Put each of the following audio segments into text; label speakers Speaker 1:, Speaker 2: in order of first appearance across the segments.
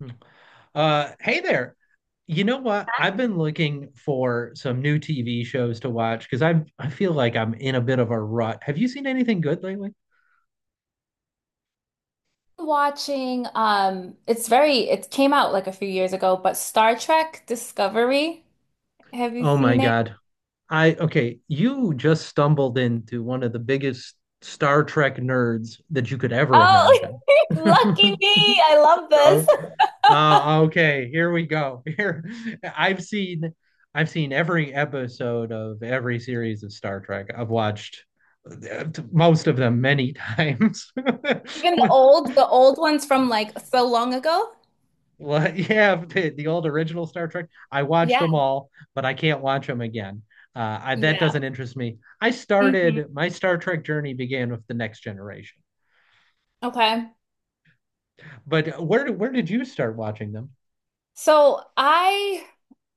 Speaker 1: Hmm. Hey there. You know what? I've been looking for some new TV shows to watch because I feel like I'm in a bit of a rut. Have you seen anything good lately?
Speaker 2: Watching it's very it came out like a few years ago but Star Trek Discovery. Have you
Speaker 1: Oh my
Speaker 2: seen it?
Speaker 1: God. I okay, you just stumbled into one of the biggest Star Trek nerds that you could ever
Speaker 2: Oh,
Speaker 1: imagine.
Speaker 2: lucky me. I love this.
Speaker 1: stuff. Okay, here we go. Here, I've seen, I've seen every episode of every series of Star Trek. I've watched uh, most of them many times.
Speaker 2: Even the old ones from like so long ago.
Speaker 1: Well, yeah, the old original Star Trek. I watched
Speaker 2: Yeah.
Speaker 1: them all, but I can't watch them again. That
Speaker 2: Yeah.
Speaker 1: doesn't interest me. I
Speaker 2: Hmm.
Speaker 1: started my Star Trek journey began with the Next Generation.
Speaker 2: Okay.
Speaker 1: But where did you start watching them?
Speaker 2: So I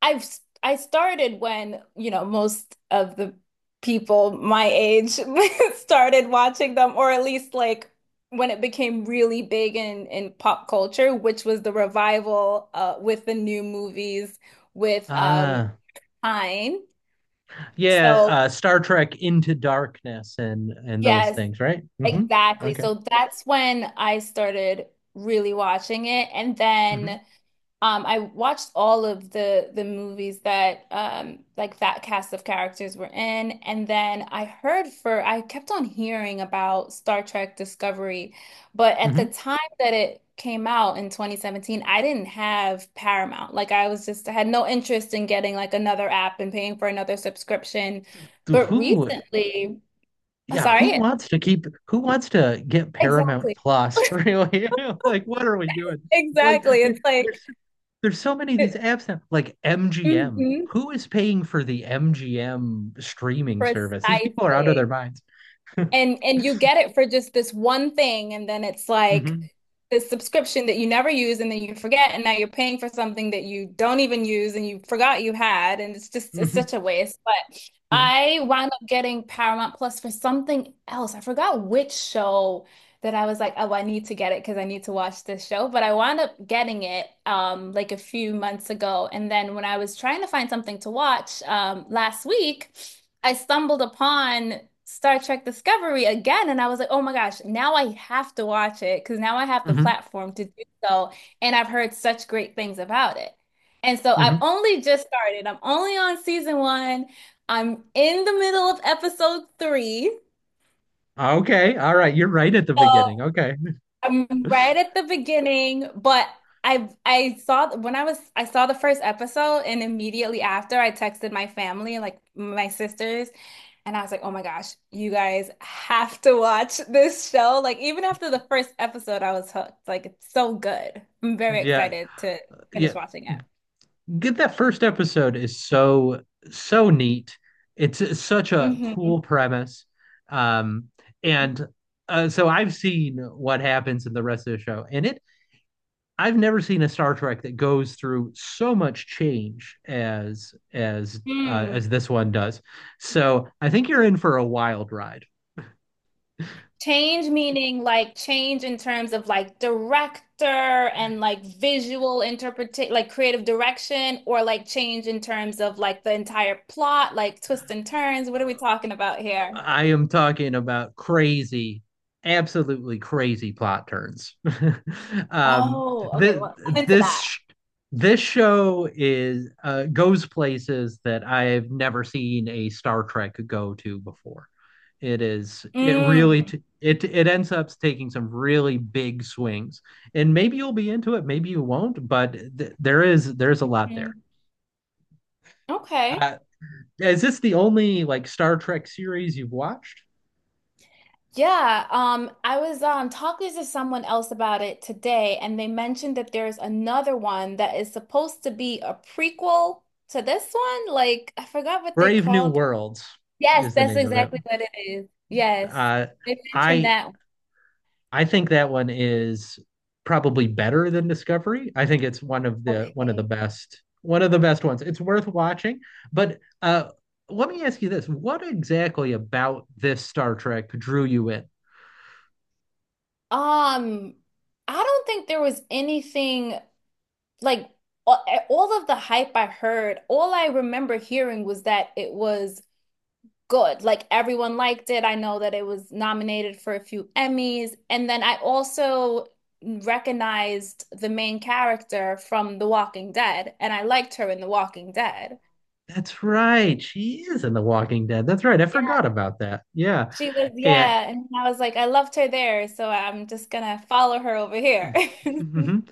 Speaker 2: I started when, you know, most of the people my age started watching them, or at least like when it became really big in pop culture, which was the revival with the new movies with
Speaker 1: Ah,
Speaker 2: Pine.
Speaker 1: yeah,
Speaker 2: So
Speaker 1: Star Trek Into Darkness and those
Speaker 2: yes,
Speaker 1: things, right? Hmm.
Speaker 2: exactly.
Speaker 1: Okay.
Speaker 2: So that's when I started really watching it. And
Speaker 1: Hmm.
Speaker 2: then I watched all of the movies that like that cast of characters were in, and then I heard for I kept on hearing about Star Trek Discovery, but at
Speaker 1: Hmm.
Speaker 2: the time that it came out in 2017, I didn't have Paramount. Like I was just I had no interest in getting like another app and paying for another subscription. But
Speaker 1: Who,
Speaker 2: recently, oh,
Speaker 1: yeah,
Speaker 2: sorry,
Speaker 1: who wants to get Paramount
Speaker 2: exactly.
Speaker 1: Plus, really? Like, what are we doing? Like,
Speaker 2: Exactly. It's like,
Speaker 1: there's there's so many of these
Speaker 2: it-
Speaker 1: apps now, like MGM.
Speaker 2: mhm,
Speaker 1: Who is paying for the MGM streaming service? These people are out of their
Speaker 2: precisely.
Speaker 1: minds.
Speaker 2: And you get it for just this one thing, and then it's like this subscription that you never use and then you forget, and now you're paying for something that you don't even use and you forgot you had, and it's just it's such
Speaker 1: Hmm.
Speaker 2: a waste. But
Speaker 1: Yeah.
Speaker 2: I wound up getting Paramount Plus for something else. I forgot which show that I was like, oh, I need to get it because I need to watch this show. But I wound up getting it like a few months ago. And then when I was trying to find something to watch last week, I stumbled upon Star Trek Discovery again, and I was like, oh my gosh, now I have to watch it because now I have the
Speaker 1: Hmm.
Speaker 2: platform to do so, and I've heard such great things about it. And so I've
Speaker 1: Hmm.
Speaker 2: only just started. I'm only on season one. I'm in the middle of episode three.
Speaker 1: Okay. All right. You're right at the beginning.
Speaker 2: So
Speaker 1: Okay.
Speaker 2: I'm right at the beginning, but I saw when I was I saw the first episode and immediately after I texted my family, like my sisters, and I was like, "Oh my gosh, you guys have to watch this show." Like even after the first episode, I was hooked. Like it's so good. I'm very
Speaker 1: Yeah.
Speaker 2: excited to finish
Speaker 1: Yeah.
Speaker 2: watching it.
Speaker 1: Get that first episode is so neat. It's such a cool premise. Um and so I've seen what happens in the rest of the show and it I've never seen a Star Trek that goes through so much change as
Speaker 2: Hmm.
Speaker 1: as this one does. So I think you're in for a wild ride.
Speaker 2: Change meaning like change in terms of like director and like visual interpretation, like creative direction, or like change in terms of like the entire plot, like twists and turns. What are we talking about here?
Speaker 1: I am talking about crazy, absolutely crazy plot turns. um,
Speaker 2: Oh, okay.
Speaker 1: th-
Speaker 2: Well, I'm into
Speaker 1: this
Speaker 2: that.
Speaker 1: this show is goes places that I've never seen a Star Trek go to before. It really
Speaker 2: Mm.
Speaker 1: it ends up taking some really big swings, and maybe you'll be into it, maybe you won't, but there is there's a lot there.
Speaker 2: Mm. Okay.
Speaker 1: Uh, is this the only like Star Trek series you've watched?
Speaker 2: Yeah, I was talking to someone else about it today, and they mentioned that there's another one that is supposed to be a prequel to this one. Like, I forgot what they
Speaker 1: Brave New
Speaker 2: called.
Speaker 1: Worlds
Speaker 2: Yes,
Speaker 1: is the
Speaker 2: that's
Speaker 1: name of it.
Speaker 2: exactly what it is. Yes.
Speaker 1: Uh,
Speaker 2: They mentioned
Speaker 1: I
Speaker 2: that one.
Speaker 1: I think that one is probably better than Discovery. I think it's
Speaker 2: Okay.
Speaker 1: one of the best ones. It's worth watching. But let me ask you this: what exactly about this Star Trek drew you in?
Speaker 2: Um, I don't think there was anything like all, all of the hype I heard, all I remember hearing was that it was good. Like everyone liked it. I know that it was nominated for a few Emmys. And then I also recognized the main character from The Walking Dead, and I liked her in The Walking Dead.
Speaker 1: That's right. She is in The Walking Dead. That's right. I forgot about that. Yeah.
Speaker 2: She was,
Speaker 1: And
Speaker 2: yeah. And I was like, I loved her there, so I'm just gonna follow her over here.
Speaker 1: mhm.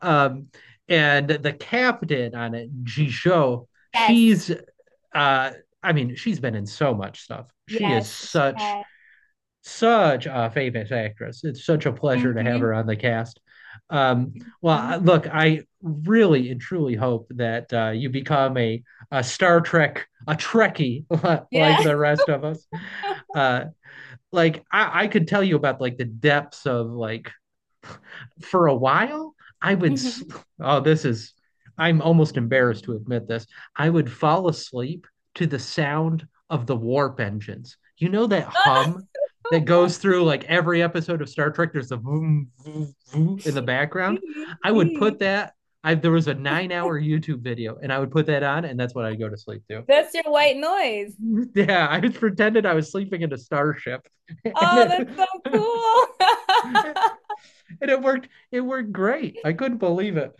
Speaker 1: um and the captain on it, Jisho,
Speaker 2: Yes.
Speaker 1: she's uh I mean, she's been in so much stuff. She is
Speaker 2: Yes. Yeah.
Speaker 1: such a famous actress. It's such a pleasure to have
Speaker 2: Mm-hmm.
Speaker 1: her on the cast. Um,
Speaker 2: Hmm.
Speaker 1: Look, I really and truly hope that you become a Star Trek, a Trekkie
Speaker 2: Yeah.
Speaker 1: like the rest of us. Uh, like I could tell you about like the depths of like for a while, I would,
Speaker 2: Mhm.
Speaker 1: oh, I'm almost embarrassed to admit this. I would fall asleep to the sound of the warp engines. You know that
Speaker 2: Oh,
Speaker 1: hum that
Speaker 2: no.
Speaker 1: goes through like every episode of Star Trek? There's a vroom, vroom, vroom in the background.
Speaker 2: Mhm.
Speaker 1: I would put
Speaker 2: Mhm.
Speaker 1: that. There was a 9 hour YouTube video, and I would put that on, and that's what I'd go to sleep to.
Speaker 2: That's your white noise.
Speaker 1: Yeah, I pretended I was sleeping in a starship, and
Speaker 2: Oh,
Speaker 1: it,
Speaker 2: that's so
Speaker 1: and
Speaker 2: cool.
Speaker 1: it worked. It worked great. I couldn't believe it.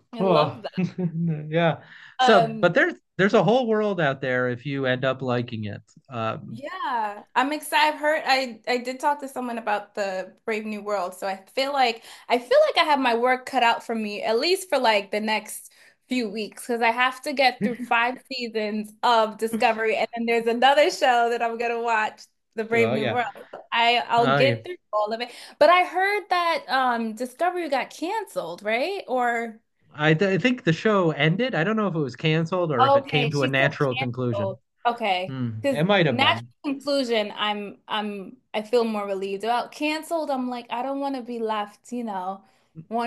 Speaker 2: I
Speaker 1: Well,
Speaker 2: love that.
Speaker 1: yeah. So, but
Speaker 2: Um,
Speaker 1: there's a whole world out there if you end up liking it. Um,
Speaker 2: Yeah, I'm excited. I did talk to someone about the Brave New World, so I feel like I have my work cut out for me at least for like the next few weeks because I have to get through five seasons of Discovery, and then there's another show that I'm gonna watch, The Brave
Speaker 1: so
Speaker 2: New
Speaker 1: yeah.
Speaker 2: World. So I'll
Speaker 1: Oh yeah.
Speaker 2: get through all of it, but I heard that Discovery got canceled, right? Or
Speaker 1: I think the show ended. I don't know if it was canceled or if it came
Speaker 2: okay,
Speaker 1: to a
Speaker 2: she said
Speaker 1: natural conclusion.
Speaker 2: canceled. Okay,
Speaker 1: Hmm.
Speaker 2: because
Speaker 1: It might have
Speaker 2: natural
Speaker 1: been.
Speaker 2: conclusion, I feel more relieved about canceled. I'm like I don't want to be left, you know,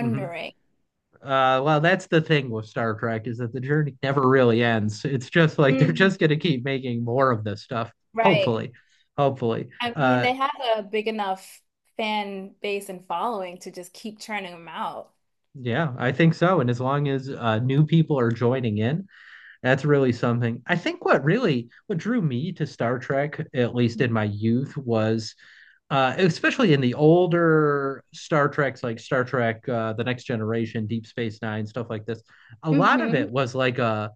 Speaker 1: Hmm. Well, that's the thing with Star Trek is that the journey never really ends. It's just like they're
Speaker 2: Mm,
Speaker 1: just going to keep making more of this stuff.
Speaker 2: right.
Speaker 1: Hopefully, hopefully.
Speaker 2: I mean,
Speaker 1: Uh,
Speaker 2: they have a big enough fan base and following to just keep churning them out.
Speaker 1: yeah, I think so. And as long as new people are joining in. That's really something. I think what drew me to Star Trek, at least in my youth, was especially in the older Star Treks, like Star Trek, The Next Generation, Deep Space Nine, stuff like this. A lot of
Speaker 2: Mm-hmm.
Speaker 1: it was like a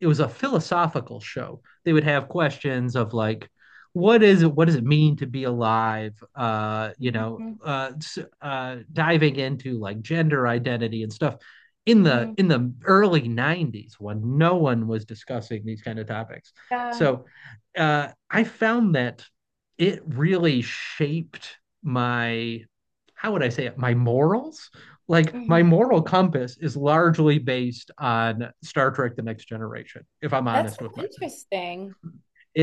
Speaker 1: it was a philosophical show. They would have questions of like, what is it? What does it mean to be alive?
Speaker 2: Mm-hmm.
Speaker 1: Diving into like gender identity and stuff
Speaker 2: Mm-hmm.
Speaker 1: in the early 90s when no one was discussing these kind of topics
Speaker 2: Yeah.
Speaker 1: so I found that it really shaped my how would I say it my morals, like my
Speaker 2: Hmm.
Speaker 1: moral compass is largely based on Star Trek: The Next Generation, if I'm
Speaker 2: That's
Speaker 1: honest
Speaker 2: so
Speaker 1: with myself.
Speaker 2: interesting.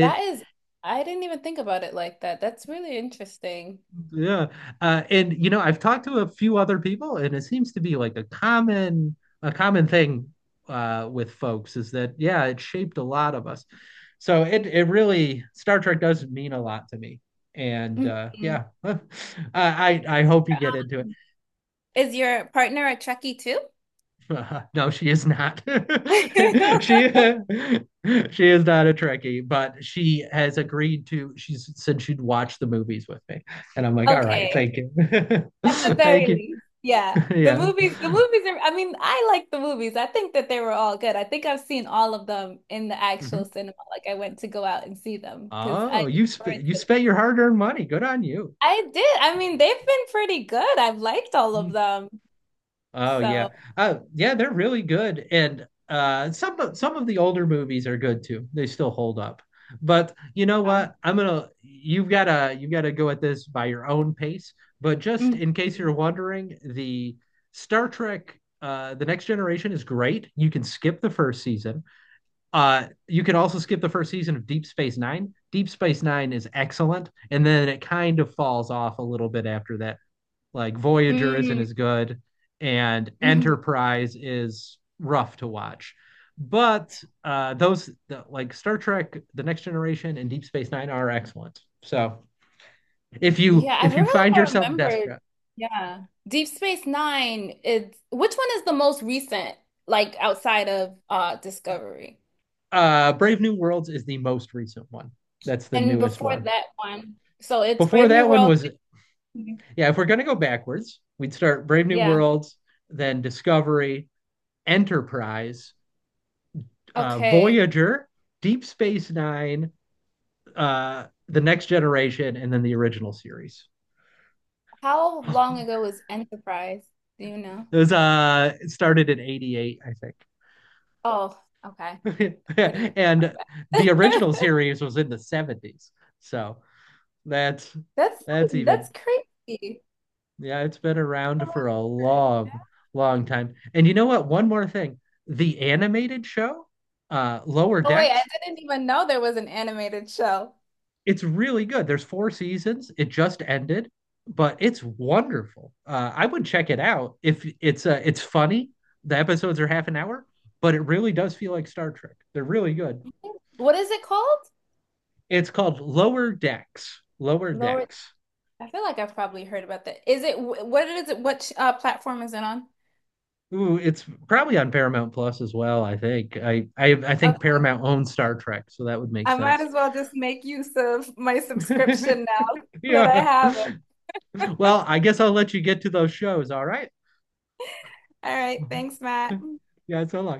Speaker 2: That is, I didn't even think about it like that. That's really interesting.
Speaker 1: yeah, and you know, I've talked to a few other people, and it seems to be like a common thing with folks is that yeah, it shaped a lot of us. So it really Star Trek does mean a lot to me, and
Speaker 2: Mhm.
Speaker 1: yeah, I hope you get into it.
Speaker 2: Is your partner a Trekkie too?
Speaker 1: No, she is not. she she is not a Trekkie, but she has agreed to. She said she'd watch the movies with me, and I'm like, all right,
Speaker 2: Okay,
Speaker 1: thank you,
Speaker 2: at the
Speaker 1: thank
Speaker 2: very
Speaker 1: you.
Speaker 2: least. Yeah.
Speaker 1: Yeah.
Speaker 2: The movies are, I mean, I like the movies. I think that they were all good. I think I've seen all of them in the actual
Speaker 1: Mhm.
Speaker 2: cinema. Like I went to go out and see them because I
Speaker 1: Oh,
Speaker 2: or
Speaker 1: you
Speaker 2: them.
Speaker 1: spent your hard-earned money. Good on you.
Speaker 2: I did. I mean, they've been pretty good. I've liked all of them.
Speaker 1: Oh yeah.
Speaker 2: So,
Speaker 1: Oh yeah, they're really good. And some of the older movies are good too. They still hold up. But you know
Speaker 2: um,
Speaker 1: what? I'm gonna you've gotta go at this by your own pace. But just
Speaker 2: mhm.
Speaker 1: in case you're wondering, the Star Trek The Next Generation is great. You can skip the first season. You can also skip the first season of Deep Space Nine. Deep Space Nine is excellent, and then it kind of falls off a little bit after that. Like Voyager isn't
Speaker 2: Mm,
Speaker 1: as good, and
Speaker 2: mhm.
Speaker 1: Enterprise is rough to watch. But like Star Trek, The Next Generation, and Deep Space Nine are excellent. So
Speaker 2: Yeah, I
Speaker 1: if you
Speaker 2: really
Speaker 1: find
Speaker 2: I
Speaker 1: yourself
Speaker 2: remembered.
Speaker 1: desperate,
Speaker 2: Yeah. Deep Space Nine, it's which one is the most recent, like outside of
Speaker 1: uh,
Speaker 2: Discovery?
Speaker 1: Brave New Worlds is the most recent one. That's the
Speaker 2: And
Speaker 1: newest
Speaker 2: before
Speaker 1: one.
Speaker 2: that one, so it's
Speaker 1: Before
Speaker 2: Brave New
Speaker 1: that one
Speaker 2: World.
Speaker 1: was
Speaker 2: Mhm.
Speaker 1: yeah. If we're gonna go backwards, we'd start Brave New
Speaker 2: Yeah.
Speaker 1: Worlds, then Discovery, Enterprise,
Speaker 2: Okay.
Speaker 1: Voyager, Deep Space Nine, the next generation and then the original series.
Speaker 2: How
Speaker 1: Oh,
Speaker 2: long ago was Enterprise? Do you know?
Speaker 1: those it started in 88, I
Speaker 2: Oh, okay.
Speaker 1: think.
Speaker 2: Pretty far
Speaker 1: And the
Speaker 2: back.
Speaker 1: original series was in the 70s. So that's
Speaker 2: That's
Speaker 1: that's even
Speaker 2: that's crazy.
Speaker 1: yeah, it's been around for a long, long time. And you know what? One more thing. The animated show, Lower
Speaker 2: Oh wait, I
Speaker 1: Decks,
Speaker 2: didn't even know there was an animated show.
Speaker 1: it's really good. There's 4 seasons. It just ended, but it's wonderful. I would check it out if it's it's funny. The episodes are half an hour, but it really does feel like Star Trek. They're really good.
Speaker 2: What is it called?
Speaker 1: It's called Lower Decks. Lower
Speaker 2: Lower.
Speaker 1: Decks.
Speaker 2: I feel like I've probably heard about that. Is it? What platform is it on?
Speaker 1: Ooh, it's probably on Paramount Plus as well. I think. I think
Speaker 2: Okay,
Speaker 1: Paramount owns Star Trek, so that would make
Speaker 2: I might
Speaker 1: sense.
Speaker 2: as well just make use of my subscription now that I
Speaker 1: Yeah.
Speaker 2: have it.
Speaker 1: Well, I guess I'll let you get to those shows. All right.
Speaker 2: All right, thanks, Matt.
Speaker 1: Yeah. So long.